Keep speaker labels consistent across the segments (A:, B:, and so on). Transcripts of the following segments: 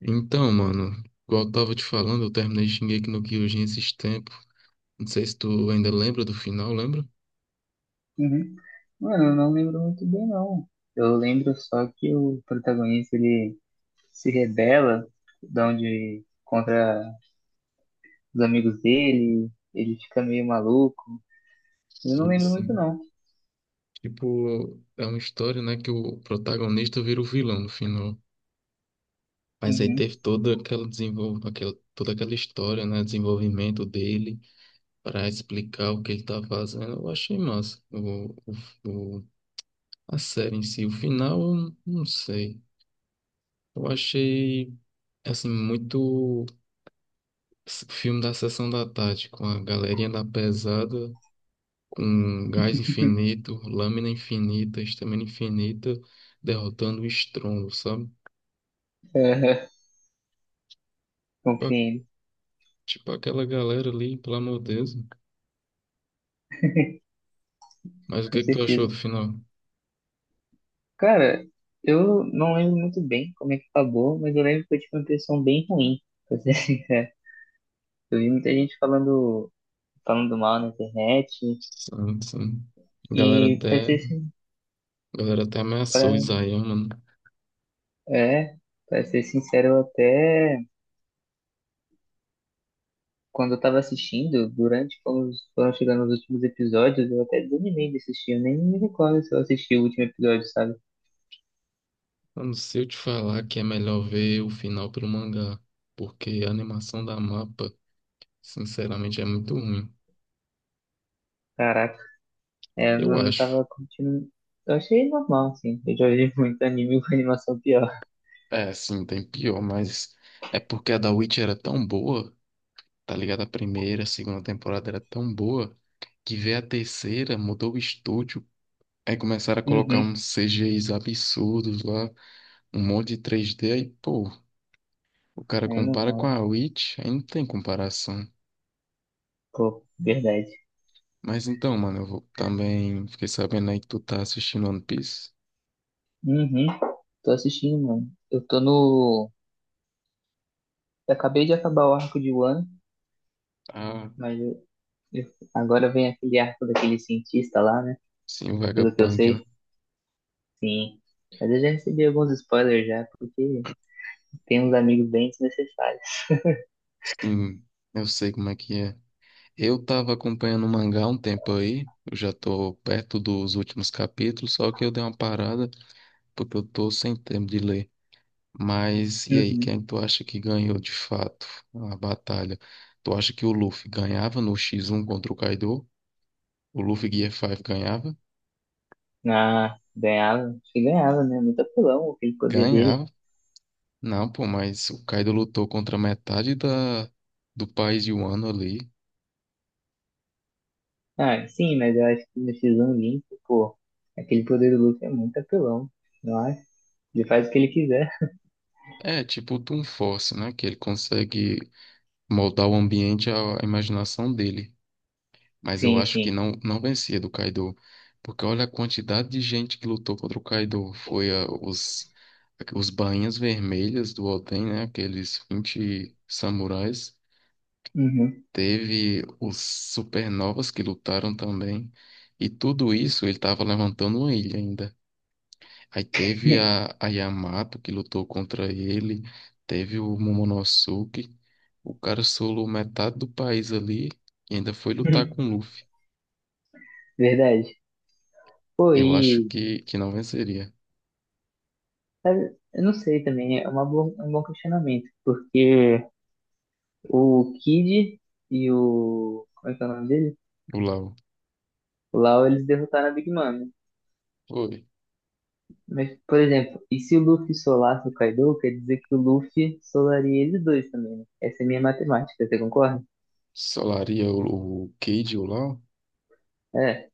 A: Então, mano, igual eu tava te falando, eu terminei Shingeki no Kyojin esses tempos. Não sei se tu ainda lembra do final, lembra?
B: Uhum. Mano, eu não lembro muito bem, não. Eu lembro só que o protagonista, ele se rebela de onde, contra os amigos dele, ele fica meio maluco. Eu não
A: Sim,
B: lembro muito,
A: sim.
B: não.
A: Tipo, é uma história, né, que o protagonista vira o vilão no final. Mas aí
B: Uhum.
A: teve toda aquela história, né, desenvolvimento dele para explicar o que ele tá fazendo. Eu achei massa. O... o- A série em si, o final, eu não sei. Eu achei assim muito Filme da Sessão da Tarde, com a galerinha da pesada, com gás infinito, lâmina infinita, estamina infinita, derrotando o estrondo, sabe? Pa-
B: Compreendo,
A: Tipo aquela galera ali, pelo amor de Deus. Mas o que
B: com
A: é que tu achou
B: certeza.
A: do final?
B: Cara, eu não lembro muito bem como é que acabou, mas eu lembro que eu tive uma impressão bem ruim, pra ser sincero. Eu vi muita gente falando, falando mal na internet,
A: Sim, sim. A Galera
B: e pra
A: até,
B: ser, sin-
A: a galera até ameaçou o
B: pra
A: Isayama, né?
B: É, pra ser sincero, eu até quando eu tava assistindo, durante quando foram chegando os últimos episódios, eu até desanimei de assistir. Eu nem me recordo se eu assisti o último episódio, sabe?
A: Mano, se eu te falar que é melhor ver o final pelo mangá, porque a animação da mapa, sinceramente, é muito ruim.
B: Caraca, é, eu
A: Eu
B: não
A: acho.
B: tava curtindo. Eu achei normal, assim. Eu já vi muito anime com animação pior.
A: É, sim, tem pior, mas é porque a da Witch era tão boa, tá ligado? A primeira, a segunda temporada era tão boa, que veio a terceira, mudou o estúdio, aí começaram a colocar
B: Uhum,
A: uns CGIs absurdos lá, um monte de 3D, aí, pô, o cara
B: é
A: compara com
B: normal.
A: a Witch, aí não tem comparação.
B: Pô, verdade.
A: Mas então, mano, eu vou também, fiquei sabendo aí que tu tá assistindo One Piece.
B: Uhum, tô assistindo, mano. Eu tô no. Eu acabei de acabar o arco de Wano,
A: Ah,
B: mas agora vem aquele arco daquele cientista lá, né?
A: sim, o
B: Pelo que eu
A: Vegapunk, né?
B: sei. Sim. Mas eu já recebi alguns spoilers já, porque tem uns amigos bem desnecessários.
A: Sim, eu sei como é que é. Eu estava acompanhando o mangá há um tempo aí, eu já estou perto dos últimos capítulos, só que eu dei uma parada porque eu estou sem tempo de ler. Mas e aí,
B: Uhum.
A: quem tu acha que ganhou de fato a batalha? Tu acha que o Luffy ganhava no X1 contra o Kaido? O Luffy Gear 5 ganhava?
B: Ah, ganhava. Acho que ganhava, né? Muito apelão aquele poder dele.
A: Ganhava? Não, pô, mas o Kaido lutou contra metade da do país de Wano ali.
B: Ah, sim, mas eu acho que no X1 limpo, pô, aquele poder do Luffy é muito apelão. Não acho, ele faz o que ele quiser.
A: É, tipo o Toon Force, né? Que ele consegue moldar o ambiente à imaginação dele. Mas eu
B: Sim,
A: acho que
B: sim.
A: não, não vencia do Kaido. Porque olha a quantidade de gente que lutou contra o Kaido. Foi os bainhas vermelhas do Oden, né? Aqueles 20 samurais.
B: Uhum.
A: Teve os supernovas que lutaram também. E tudo isso ele estava levantando uma ilha ainda. Aí teve a Yamato que lutou contra ele. Teve o Momonosuke. O cara solou metade do país ali e ainda foi lutar com o Luffy.
B: Verdade. Pô,
A: Eu acho
B: e
A: que não venceria
B: sabe, eu não sei também, é uma boa, é um bom questionamento, porque o Kid e o. Como é que é o nome dele?
A: o Lau.
B: O Lau, eles derrotaram a Big Mom, né?
A: Oi,
B: Mas, por exemplo, e se o Luffy solasse o Kaido, quer dizer que o Luffy solaria eles dois também, né? Essa é minha matemática, você concorda?
A: solaria o Cade ou o Lau?
B: É,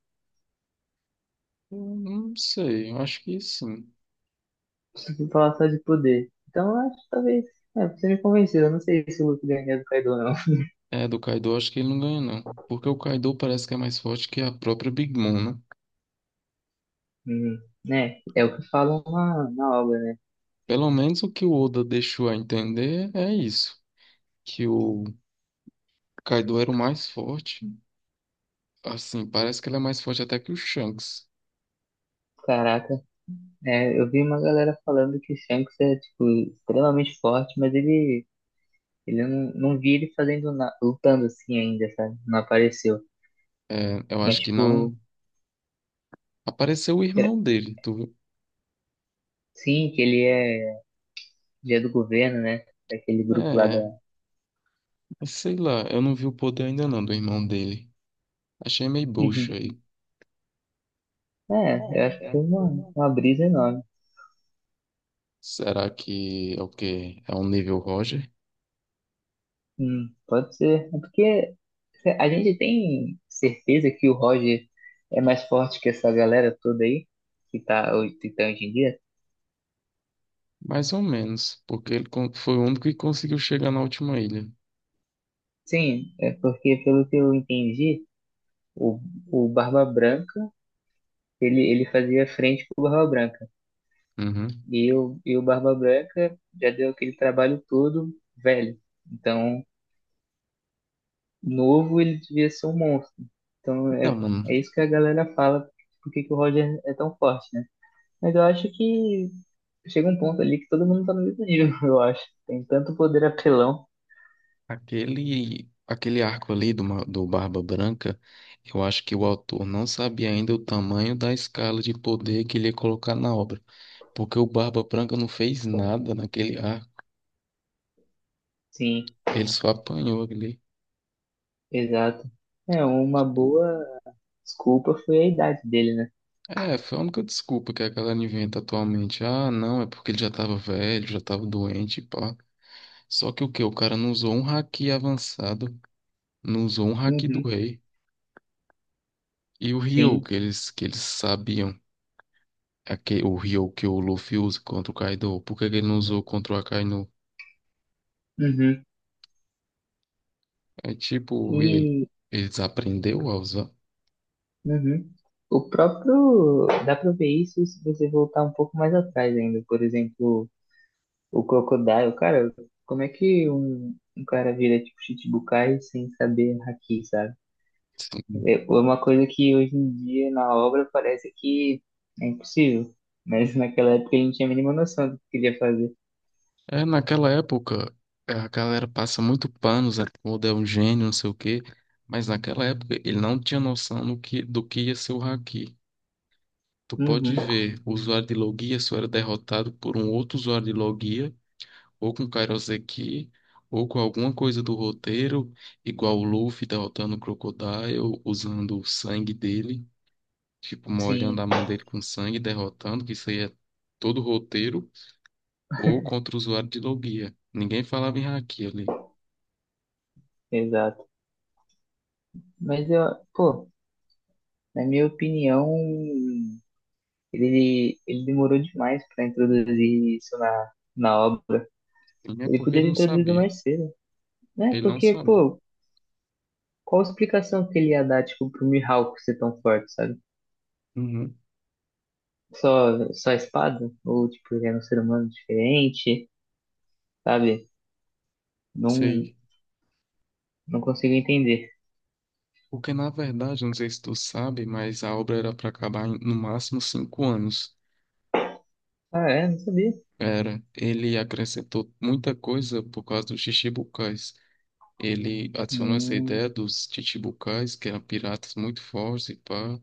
A: Eu não sei, eu acho que sim.
B: se falar só de poder. Então, eu acho que talvez. É, você me convenceu, eu não sei se o Luffy ganharia do Kaido, não.
A: É, do Kaido eu acho que ele não ganha, não. Porque o Kaido parece que é mais forte que a própria Big Mom, né?
B: Hum, né? É o que falam na obra, né?
A: Pelo menos o que o Oda deixou a entender é isso. Que o Kaido era o mais forte. Assim, parece que ele é mais forte até que o Shanks.
B: Caraca, é, eu vi uma galera falando que o Shanks é, tipo, extremamente forte, mas ele eu não, não vi ele fazendo, na, lutando assim ainda, sabe? Não apareceu.
A: É, eu
B: Mas,
A: acho que não.
B: tipo,
A: Apareceu o
B: será-
A: irmão dele, tu viu?
B: sim, que ele é dia do governo, né? Aquele grupo lá da.
A: É, mas sei lá, eu não vi o poder ainda não do irmão dele. Achei meio
B: Uhum.
A: bucha aí.
B: É, eu
A: É,
B: acho que
A: é
B: foi
A: assim.
B: uma brisa enorme.
A: Será que é o quê? É um nível Roger?
B: Pode ser. É porque a gente tem certeza que o Roger é mais forte que essa galera toda aí, que tá, que tá hoje em dia?
A: Mais ou menos, porque ele foi o único que conseguiu chegar na última ilha.
B: Sim, é porque pelo que eu entendi, o, o Barba Branca, ele fazia frente pro Barba Branca.
A: Uhum.
B: E o Barba Branca já deu aquele trabalho todo velho. Então, novo, ele devia ser um monstro. Então é,
A: Então, mano,
B: é isso que a galera fala, por que que o Roger é tão forte, né? Mas eu acho que chega um ponto ali que todo mundo tá no mesmo nível, eu acho. Tem tanto poder apelão.
A: aquele arco ali do Barba Branca, eu acho que o autor não sabia ainda o tamanho da escala de poder que ele ia colocar na obra, porque o Barba Branca não fez nada naquele arco,
B: Sim,
A: ele só apanhou ali.
B: exato. É, uma boa desculpa foi a idade dele, né?
A: É, foi a única desculpa que a galera inventa atualmente. Ah, não, é porque ele já tava velho, já tava doente, pá. Só que o quê? O cara não usou um haki avançado, não usou um haki do
B: Uhum,
A: rei. E o Ryu
B: sim.
A: que eles sabiam, o Ryu que o Luffy usa contra o Kaido, por que que ele não usou contra o Akainu?
B: Uhum.
A: É tipo,
B: E
A: eles aprendeu a usar.
B: uhum. O próprio. Dá pra ver isso se você voltar um pouco mais atrás ainda. Por exemplo, o Crocodile, cara, como é que um cara vira tipo Shichibukai sem saber haki, sabe? É é uma coisa que hoje em dia na obra parece que é impossível, mas naquela época ele não tinha a mínima noção do que queria fazer.
A: É, naquela época, a galera passa muito pano, Zé Ruda é um gênio, não sei o quê, mas naquela época ele não tinha noção do que ia ser o haki. Tu pode
B: Uhum,
A: ver, o usuário de Logia só era derrotado por um outro usuário de Logia, ou com Kairoseki, ou com alguma coisa do roteiro, igual o Luffy derrotando o Crocodile, usando o sangue dele, tipo, molhando
B: sim,
A: a mão dele com sangue, derrotando, que isso aí é todo o roteiro, ou contra o usuário de Logia. Ninguém falava em haki ali.
B: exato. Mas eu, pô, na minha opinião, ele demorou demais pra introduzir isso na obra.
A: É
B: Ele
A: porque
B: podia
A: ele
B: ter
A: não
B: introduzido
A: sabia.
B: mais cedo, né?
A: Ele não
B: Porque,
A: sabia.
B: pô, qual explicação que ele ia dar, tipo, pro Mihawk ser tão forte, sabe?
A: Uhum,
B: Só, só a espada? Ou, tipo, ele era um ser humano diferente, sabe? Não,
A: sei.
B: não consigo entender.
A: Porque, na verdade, não sei se tu sabe, mas a obra era para acabar em, no máximo 5 anos.
B: Ah, é? Não sabia.
A: Era. Ele acrescentou muita coisa por causa dos chichibukais. Ele adicionou essa
B: Hum,
A: ideia dos chichibukais, que eram piratas muito fortes e pá.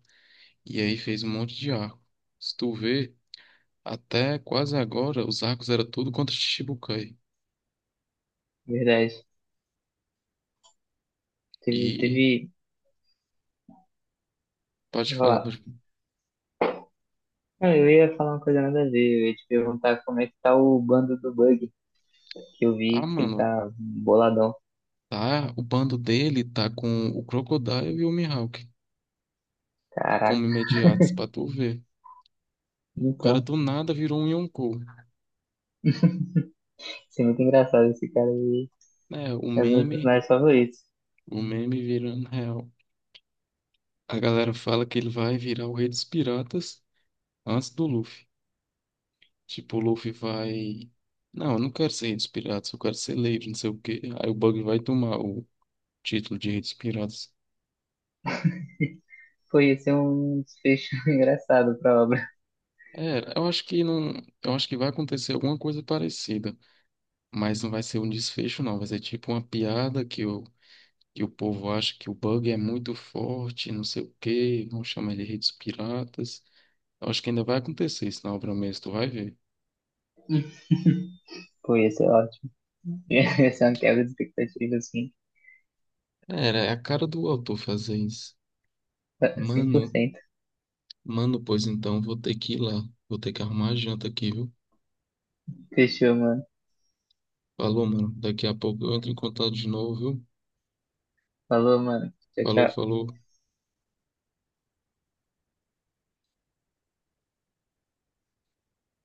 A: E aí fez um monte de arco. Se tu vê, até quase agora, os arcos eram tudo contra chichibukai.
B: verdade. Teve,
A: E
B: teve,
A: pode
B: vou
A: falar,
B: falar.
A: pode...
B: Ah, eu ia falar uma coisa nada a ver. Eu ia te perguntar como é que tá o bando do Bug, que eu
A: Ah,
B: vi que ele
A: mano,
B: tá boladão.
A: tá, o bando dele tá com o Crocodile e o Mihawk
B: Caraca.
A: como imediatos pra tu ver. O cara
B: Então,
A: do nada virou um Yonkou,
B: isso é muito engraçado. Esse cara aí
A: né? O
B: é um dos meus
A: meme,
B: personagens favoritos.
A: o meme virando real. A galera fala que ele vai virar o Rei dos Piratas antes do Luffy. Tipo, o Luffy vai. Não, eu não quero ser Rei dos Piratas, eu quero ser Leiro, não sei o quê. Aí o Bug vai tomar o título de Rei dos Piratas.
B: Pô, ia ser um desfecho engraçado pra obra.
A: É, eu acho que não. Eu acho que vai acontecer alguma coisa parecida. Mas não vai ser um desfecho, não. Vai ser tipo uma piada que o povo acha que o bug é muito forte, não sei o quê, vão chamar ele de redes piratas. Eu acho que ainda vai acontecer isso na obra mesmo, tu vai ver.
B: Pô, ia ser ótimo. Essa é uma quebra de expectativa, assim,
A: Era, é a cara do autor fazer isso.
B: cem por
A: Mano,
B: cento.
A: mano, pois então, vou ter que ir lá. Vou ter que arrumar a janta aqui, viu?
B: Fechou, mano.
A: Falou, mano. Daqui a pouco eu entro em contato de novo, viu?
B: Falou, mano. Tchau,
A: Falou,
B: tchau.
A: falou.